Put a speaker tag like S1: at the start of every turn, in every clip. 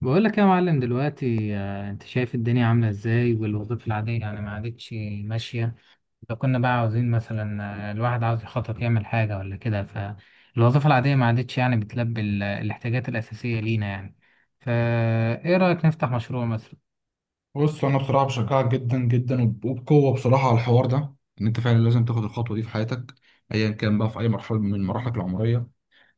S1: بقول لك يا معلم دلوقتي، انت شايف الدنيا عامله ازاي والوظيفه العاديه يعني ما عادتش ماشيه. لو كنا بقى عاوزين مثلا، الواحد عاوز يخطط يعمل حاجه ولا كده. فالوظيفه العاديه ما عادتش يعني بتلبي الاحتياجات الاساسيه لينا يعني. فايه رايك نفتح مشروع مثلا؟
S2: بص انا بصراحه بشجعك جدا جدا وبقوه بصراحه على الحوار ده. ان انت فعلا لازم تاخد الخطوه دي في حياتك، ايا كان بقى في اي مرحله من مراحلك العمريه.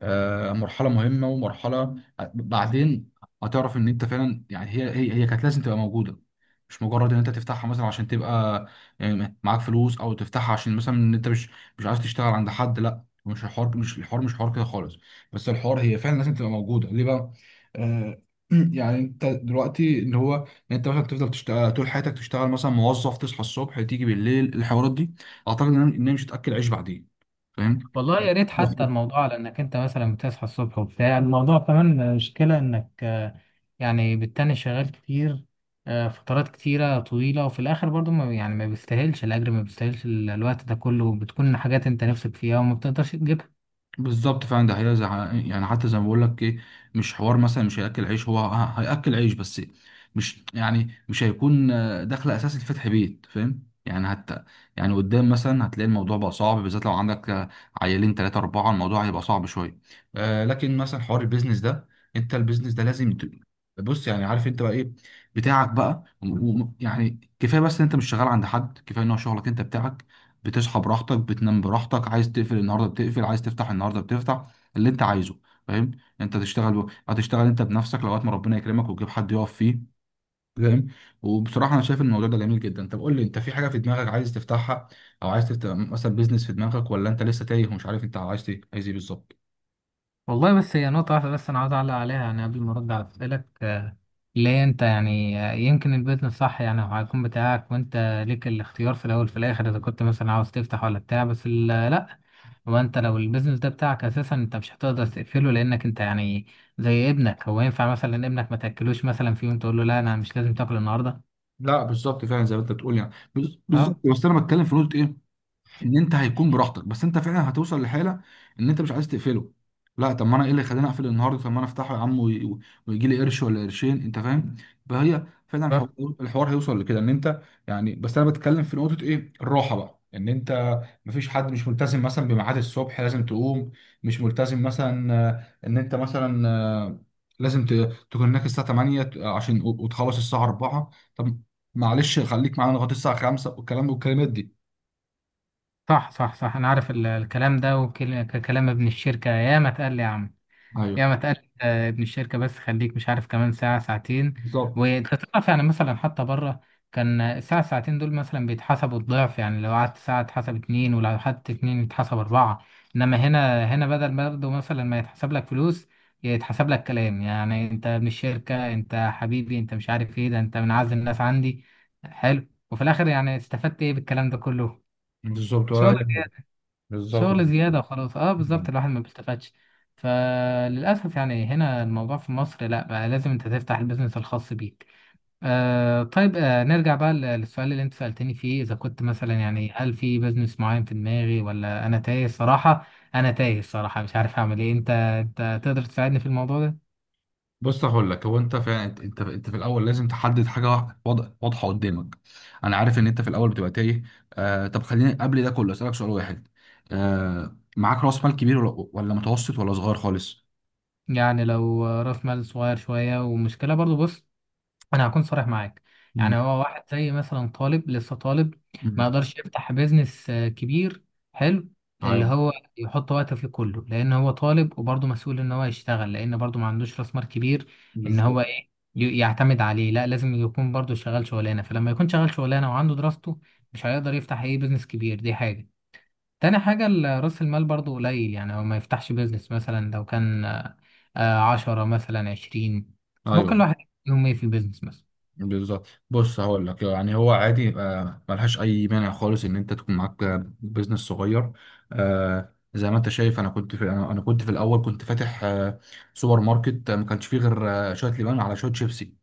S2: مرحله مهمه ومرحله بعدين هتعرف ان انت فعلا يعني هي كانت لازم تبقى موجوده. مش مجرد ان انت تفتحها مثلا عشان تبقى يعني معاك فلوس، او تفتحها عشان مثلا ان انت مش عايز تشتغل عند حد. لا، مش الحوار مش حوار كده خالص. بس الحوار هي فعلا لازم تبقى موجوده ليه بقى؟ آه يعني انت دلوقتي اللي هو ان انت مثلا تفضل تشتغل طول حياتك، تشتغل مثلا موظف، تصحى الصبح تيجي بالليل، الحوارات دي اعتقد ان هي إن هي مش هتاكل عيش بعدين. فاهم.
S1: والله يا ريت، حتى الموضوع على انك انت مثلا بتصحى الصبح وبتاع الموضوع، كمان مشكلة انك يعني بالتاني شغال كتير، فترات كتيرة طويلة، وفي الاخر برضو ما يعني ما بيستاهلش الاجر، ما بيستاهلش الوقت ده كله، بتكون حاجات انت نفسك فيها وما بتقدرش تجيبها.
S2: بالظبط، فعلا ده هي يعني حتى زي ما بقول لك ايه، مش حوار مثلا مش هياكل عيش، هو هياكل عيش بس. مش يعني مش هيكون دخل اساسي لفتح بيت. فاهم يعني؟ حتى يعني قدام مثلا هتلاقي الموضوع بقى صعب، بالذات لو عندك عيالين ثلاثة أربعة، الموضوع هيبقى صعب شوية. آه لكن مثلا حوار البيزنس ده، انت البيزنس ده لازم بص يعني عارف انت بقى ايه بتاعك بقى يعني كفايه بس ان انت مش شغال عند حد، كفايه ان هو شغلك انت بتاعك. بتصحى براحتك، بتنام براحتك، عايز تقفل النهارده بتقفل، عايز تفتح النهارده بتفتح اللي انت عايزه. فاهم. انت تشتغل هتشتغل انت بنفسك لغايه ما ربنا يكرمك وتجيب حد يقف فيه. فاهم. وبصراحه انا شايف الموضوع ده جميل جدا. طب قول لي، انت في حاجه في دماغك عايز تفتحها، او عايز تفتح مثلا بيزنس في دماغك، ولا انت لسه تايه ومش عارف انت عايز ايه، عايز ايه بالظبط؟
S1: والله بس هي نقطة واحدة بس انا عايز اعلق عليها يعني قبل ما ارد على اسئلك. ليه انت يعني يمكن البيزنس صح، يعني هو هيكون بتاعك وانت ليك الاختيار في الاول في الاخر، اذا كنت مثلا عاوز تفتح ولا بتاع، بس لا، هو انت لو البيزنس ده بتاعك اساسا انت مش هتقدر تقفله، لانك انت يعني زي ابنك. هو ينفع مثلا ابنك ما تاكلوش مثلا في يوم تقول له لا، انا مش لازم تاكل النهارده؟
S2: لا بالظبط، فعلا زي ما انت بتقول يعني بالظبط.
S1: اه،
S2: بس انا بتكلم في نقطه ايه، ان انت هيكون براحتك، بس انت فعلا هتوصل لحاله ان انت مش عايز تقفله. لا، طب ما انا ايه اللي خلاني اقفل النهارده؟ طب ما انا افتحه يا عم ويجي لي قرش ولا قرشين، انت فاهم. فهي فعلا الحوار هيوصل لكده ان انت يعني. بس انا بتكلم في نقطه ايه، الراحه بقى ان انت مفيش حد، مش ملتزم مثلا بميعاد الصبح لازم تقوم، مش ملتزم مثلا ان انت مثلا لازم تكون هناك الساعه 8، عشان وتخلص الساعه 4. طب معلش، خليك معانا لغايه الساعه 5، والكلام والكلمات دي.
S1: صح، صح، صح، انا عارف الكلام ده وكلام ابن الشركه، ياما اتقال لي يا عم
S2: ايوه،
S1: يا ما تقلق، ابن الشركة، بس خليك مش عارف كمان ساعة ساعتين.
S2: بالظبط.
S1: وانت تعرف يعني مثلا حتى بره، كان الساعة ساعتين دول مثلا بيتحسبوا الضعف، يعني لو قعدت ساعة اتحسب اتنين، ولو قعدت اتنين يتحسب أربعة. إنما هنا بدل برضه مثلا ما يتحسب لك فلوس يتحسب لك كلام، يعني أنت ابن الشركة، أنت حبيبي، أنت مش عارف إيه ده، أنت من أعز الناس عندي. حلو. وفي الآخر يعني استفدت إيه بالكلام ده كله؟
S2: بالظبط، ولا
S1: شغل.
S2: اي حاجه. بالظبط،
S1: شغل زيادة وخلاص. اه، بالظبط، الواحد ما بيستفادش. فللأسف يعني هنا الموضوع في مصر، لا بقى لازم انت تفتح البيزنس الخاص بيك. طيب، نرجع بقى للسؤال اللي انت سألتني فيه، إذا كنت مثلا يعني هل في بيزنس معين في دماغي ولا أنا تايه الصراحة. أنا تايه الصراحة مش عارف أعمل إيه. انت تقدر تساعدني في الموضوع ده؟
S2: بص هقول لك، هو انت فعلا انت في الاول لازم تحدد حاجه واضحه قدامك. انا عارف ان انت في الاول بتبقى تايه. آه طب خليني قبل ده كله اسالك سؤال واحد. آه معاك راس مال كبير ولا متوسط، ولا صغير خالص؟
S1: يعني لو رأس مال صغير شوية، ومشكلة برضو، بص انا هكون صريح معاك. يعني هو واحد زي مثلا طالب، لسه طالب، ما
S2: امم
S1: يقدرش يفتح بيزنس كبير. حلو، اللي
S2: ايوه.
S1: هو يحط وقته فيه كله، لان هو طالب وبرضه مسؤول ان هو يشتغل، لان برضه ما عندوش راس مال كبير. ان هو
S2: بالظبط.
S1: ايه يعتمد عليه، لا لازم يكون برضه شغال شغلانه. فلما يكون شغال شغلانه وعنده دراسته، مش هيقدر يفتح اي بيزنس كبير، دي حاجه. تاني حاجه، راس المال برضه قليل، يعني هو ما يفتحش بيزنس مثلا لو كان 10 مثلا 20.
S2: ايوه.
S1: ممكن الواحد يوم ايه في البيزنس مثلا.
S2: بالظبط، بص هقول لك، يعني هو عادي يبقى ملهاش اي مانع خالص ان انت تكون معاك بيزنس صغير. آه زي ما انت شايف، انا كنت في انا أنا كنت في الاول كنت فاتح آه سوبر ماركت. ما كانش فيه غير آه شويه لبان على شويه شيبسي.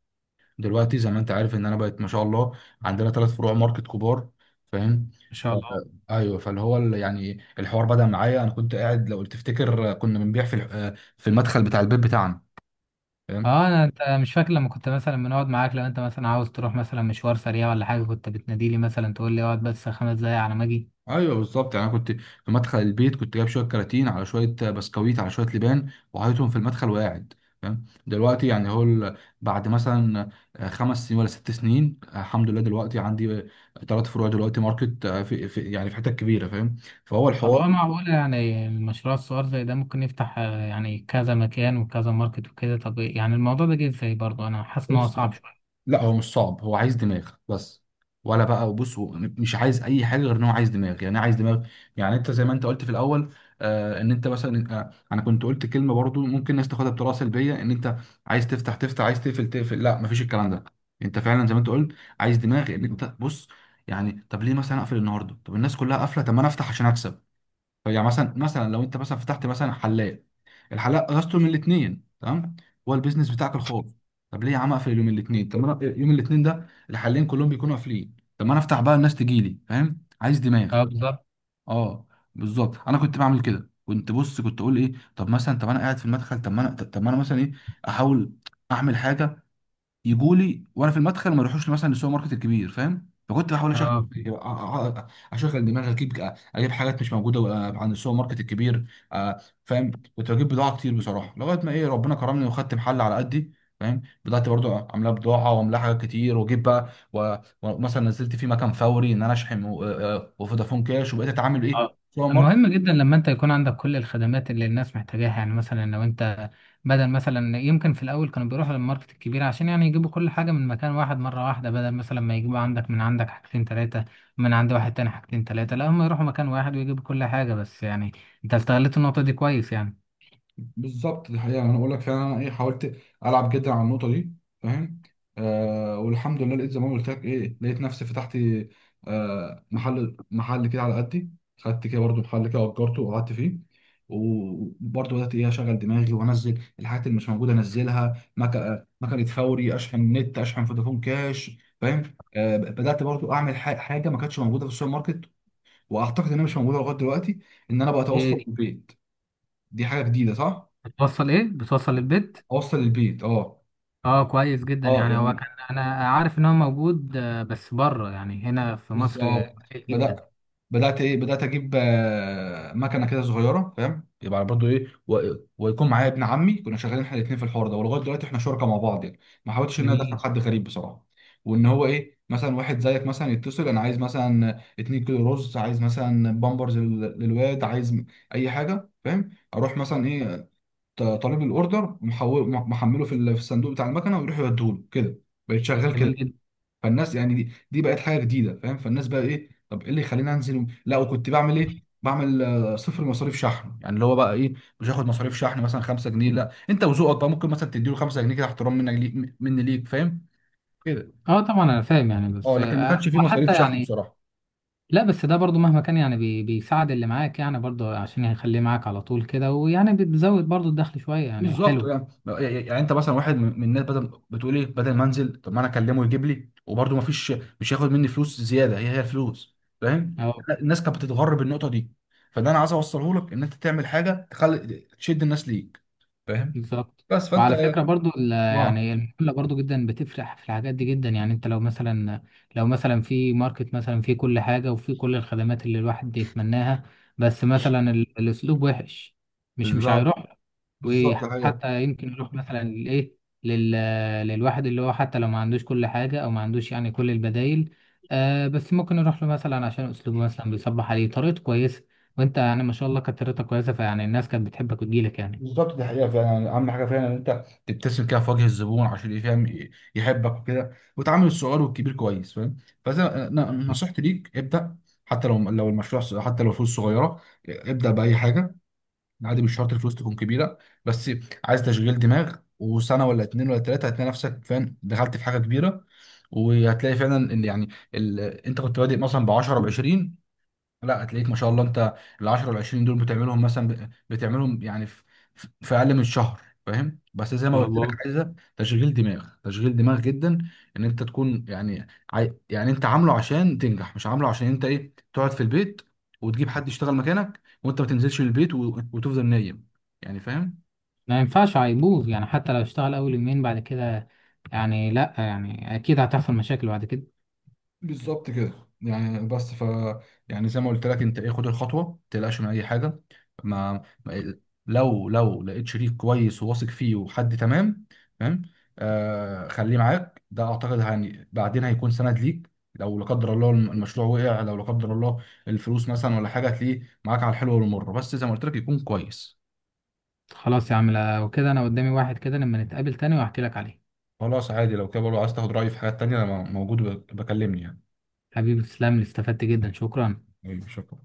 S2: دلوقتي زي ما انت عارف ان انا بقيت ما شاء الله عندنا ثلاث فروع ماركت كبار. فاهم.
S1: ان شاء
S2: آه،
S1: الله.
S2: ايوه. فاللي هو يعني الحوار بدأ معايا انا كنت قاعد، لو تفتكر كنا بنبيع في في المدخل بتاع البيت بتاعنا. فاهم؟
S1: اه، انت مش فاكر لما كنت مثلا بنقعد معاك، لو انت مثلا عاوز تروح مثلا مشوار سريع ولا حاجه، كنت بتناديلي مثلا تقول لي اقعد بس 5 دقايق على ما اجي.
S2: ايوه بالظبط. يعني انا كنت في مدخل البيت، كنت جايب شويه كراتين على شويه بسكويت على شويه لبان، وحاططهم في المدخل وقاعد. فاهم. دلوقتي يعني هو بعد مثلا خمس سنين ولا ست سنين، الحمد لله دلوقتي عندي ثلاث فروع دلوقتي ماركت، في يعني في حتت كبيره. فاهم. فهو
S1: طب
S2: الحوار.
S1: هو معقول يعني المشروع الصغير زي ده ممكن يفتح يعني كذا مكان وكذا ماركت وكده؟ طب يعني الموضوع ده جه ازاي برضه؟ انا حاسس ان هو
S2: بص،
S1: صعب شويه.
S2: لا هو مش صعب، هو عايز دماغ بس. ولا بقى، بص هو مش عايز اي حاجه غير ان هو عايز دماغ. يعني إيه عايز دماغ؟ يعني انت زي ما انت قلت في الاول، آه ان انت مثلا، آه انا كنت قلت كلمه برضو ممكن الناس تاخدها بطريقه سلبيه ان انت عايز تفتح تفتح، عايز تقفل تقفل. لا، مفيش الكلام ده. انت فعلا زي ما انت قلت عايز دماغ. ان انت بص، يعني طب ليه مثلا اقفل النهارده؟ طب الناس كلها قافله، طب ما انا افتح عشان اكسب. يعني مثلا، مثلا لو انت مثلا فتحت مثلا حلاق، الحلاق اجازته من الاثنين تمام. هو البيزنس بتاعك الخاص. طب ليه يا عم اقفل يوم الاثنين؟ طب ما انا يوم الاثنين ده الحلاقين كلهم بيكونوا قافلين، طب ما انا افتح بقى الناس تجي لي. فاهم. عايز دماغ.
S1: اه، بالظبط.
S2: اه بالظبط، انا كنت بعمل كده. كنت بص، كنت اقول ايه، طب مثلا، طب انا قاعد في المدخل، طب ما انا مثلا ايه، احاول اعمل حاجه يجوا لي وانا في المدخل ما يروحوش مثلا للسوبر ماركت الكبير. فاهم. فكنت بحاول اشغل
S1: اه.
S2: أ- أ- اشغل دماغي، اجيب حاجات مش موجوده عند السوبر ماركت الكبير. فاهم. كنت بجيب بضاعه كتير بصراحه لغايه ما ايه ربنا كرمني وخدت محل على قدي. فاهم. بدات برضو عاملاه بضاعه وعاملاه حاجات كتير واجيب بقى ومثلا نزلت في مكان فوري ان انا اشحن وفودافون كاش وبقيت اتعامل ايه.
S1: اه،
S2: سوبر.
S1: مهم جدا لما انت يكون عندك كل الخدمات اللي الناس محتاجاها، يعني مثلا لو انت بدل مثلا، يمكن في الاول كانوا بيروحوا للماركت الكبير عشان يعني يجيبوا كل حاجه من مكان واحد مره واحده، بدل مثلا ما يجيبوا عندك من عندك حاجتين ثلاثه، من عند واحد تاني حاجتين ثلاثه، لا هم يروحوا مكان واحد ويجيبوا كل حاجه بس. يعني انت استغلت النقطه دي كويس يعني.
S2: بالظبط. دي حقيقة، أنا أقول لك فعلا أنا إيه حاولت ألعب جدا على النقطة دي. فاهم. آه والحمد لله لقيت زي ما قلت لك إيه، لقيت نفسي فتحت آه محل كده على قدي. خدت كده برضو محل كده وأجرته وقعدت فيه، وبرضه بدأت إيه أشغل دماغي وأنزل الحاجات اللي مش موجودة، أنزلها مكنة فوري، أشحن نت، أشحن فودافون كاش. فاهم. آه بدأت برضو أعمل حاجة ما كانتش موجودة في السوبر ماركت، وأعتقد إنها مش موجودة لغاية دلوقتي. إن أنا بقى
S1: ايه
S2: أتوصل
S1: دي؟
S2: بالبيت. دي حاجة جديدة، صح؟
S1: بتوصل للبيت؟
S2: اوصل البيت، اه.
S1: اه، كويس جدا.
S2: اه
S1: يعني هو
S2: يعني.
S1: كان انا عارف ان هو موجود، بس بره، يعني هنا في مصر
S2: بالظبط.
S1: قليل جدا.
S2: بدات بدات ايه، بدات اجيب مكنه كده صغيره. فاهم. يبقى برضو ايه ويكون معايا ابن عمي، كنا شغالين احنا الاثنين في الحوار ده، ولغايه دلوقتي احنا شركاء مع بعض يعني. ما حاولتش ان انا ادخل
S1: جميل.
S2: حد غريب بصراحه. وان هو ايه، مثلا واحد زيك مثلا يتصل، انا عايز مثلا 2 كيلو رز، عايز مثلا بامبرز للواد، عايز اي حاجه. فاهم. اروح مثلا ايه طالب الاوردر، محمله في في الصندوق بتاع المكنه، ويروح يوديهوله كده. بقيت شغال كده.
S1: جميل.
S2: فالناس يعني دي بقت حاجه جديده. فاهم. فالناس بقى ايه، طب ايه اللي يخليني انزل لا، وكنت بعمل ايه، بعمل صفر مصاريف شحن، يعني اللي هو بقى ايه، مش هاخد مصاريف شحن مثلا 5 جنيه. لا، انت وذوقك بقى ممكن مثلا تديله 5 جنيه كده، احترام منك ليك مني ليك. فاهم كده.
S1: اه طبعا انا فاهم يعني،
S2: اه
S1: بس
S2: لكن ما كانش فيه مصاريف
S1: وحتى
S2: شحن
S1: يعني.
S2: بصراحه.
S1: لا بس ده برضو مهما كان يعني بيساعد اللي معاك، يعني برضو عشان يخليه معاك على طول كده، ويعني بتزود برضو الدخل شوية يعني،
S2: بالظبط
S1: حلو.
S2: يعني. يعني انت مثلا واحد من الناس، بدل بتقول ايه، بدل ما انزل طب ما انا اكلمه يجيب لي، وبرده ما فيش، مش هياخد مني فلوس زياده، هي الفلوس. فاهم.
S1: اه،
S2: الناس كانت بتتغر بالنقطه دي. فده انا عايز اوصله لك، ان انت تعمل حاجه تخلي تشد الناس ليك. فاهم.
S1: بالظبط.
S2: بس فانت.
S1: وعلى فكرة برضو
S2: اه
S1: يعني المحلة برضو جدا بتفرح في الحاجات دي جدا، يعني انت لو مثلا، لو مثلا في ماركت مثلا في كل حاجة وفي كل الخدمات اللي الواحد يتمناها، بس مثلا الاسلوب وحش، مش
S2: بالظبط.
S1: هيروح.
S2: بالظبط الحقيقة
S1: وحتى يمكن يروح مثلا لل... للواحد اللي هو حتى لو ما عندوش كل حاجة او ما عندوش يعني كل البدايل، بس ممكن يروح له مثلا عشان اسلوبه مثلا بيصبح عليه طريقته كويسة. وانت يعني ما شاء الله كانت طريقتك كويسة، فيعني الناس كانت بتحبك وتجيلك يعني.
S2: بالظبط دي حقيقة فعلا. يعني أهم حاجة فعلا إن أنت تبتسم كده في وجه الزبون عشان يفهم يحبك وكده، وتعامل الصغير والكبير كويس. فاهم. فإذا
S1: ان
S2: نصيحتي ليك، ابدأ حتى لو لو المشروع حتى لو فلوس صغيرة، ابدأ بأي حاجة. عادي، مش شرط الفلوس تكون كبيرة، بس عايز تشغيل دماغ. وسنة ولا اتنين ولا تلاتة هتلاقي نفسك، فاهم، دخلت في حاجة كبيرة. وهتلاقي فعلا إن يعني أنت كنت بادئ مثلا ب 10، ب 20، لا هتلاقيك ما شاء الله انت ال 10 وال 20 دول بتعملهم مثلا بتعملهم يعني في اقل من شهر. فاهم. بس زي ما
S1: شاء
S2: قلت لك
S1: الله.
S2: عايزه تشغيل دماغ، تشغيل دماغ جدا، ان انت تكون يعني يعني انت عامله عشان تنجح، مش عامله عشان انت ايه تقعد في البيت وتجيب حد يشتغل مكانك، وانت ما تنزلش من البيت وتفضل نايم يعني. فاهم.
S1: ما ينفعش، هيبوظ يعني حتى لو اشتغل اول يومين بعد كده، يعني لا، يعني اكيد هتحصل مشاكل بعد كده.
S2: بالظبط كده. يعني بس ف يعني زي ما قلت لك انت ايه، خد الخطوه، ما تقلقش من اي حاجه. ما ما- لو لو لقيت شريك كويس وواثق فيه وحد تمام. تمام. آه خليه معاك، ده اعتقد يعني بعدين هيكون سند ليك. لو لا قدر الله المشروع وقع، لو لا قدر الله الفلوس مثلا ولا حاجه، هتلاقيه معاك على الحلو والمر، بس زي ما قلت لك يكون كويس.
S1: خلاص يا عم، لو كده انا قدامي واحد كده، لما نتقابل تاني وهحكي لك عليه.
S2: خلاص عادي لو كده برضه عايز تاخد رايي في حاجات تانيه انا موجود بكلمني يعني.
S1: حبيبي، تسلم لي، استفدت جدا، شكرا.
S2: طيب، شكرا.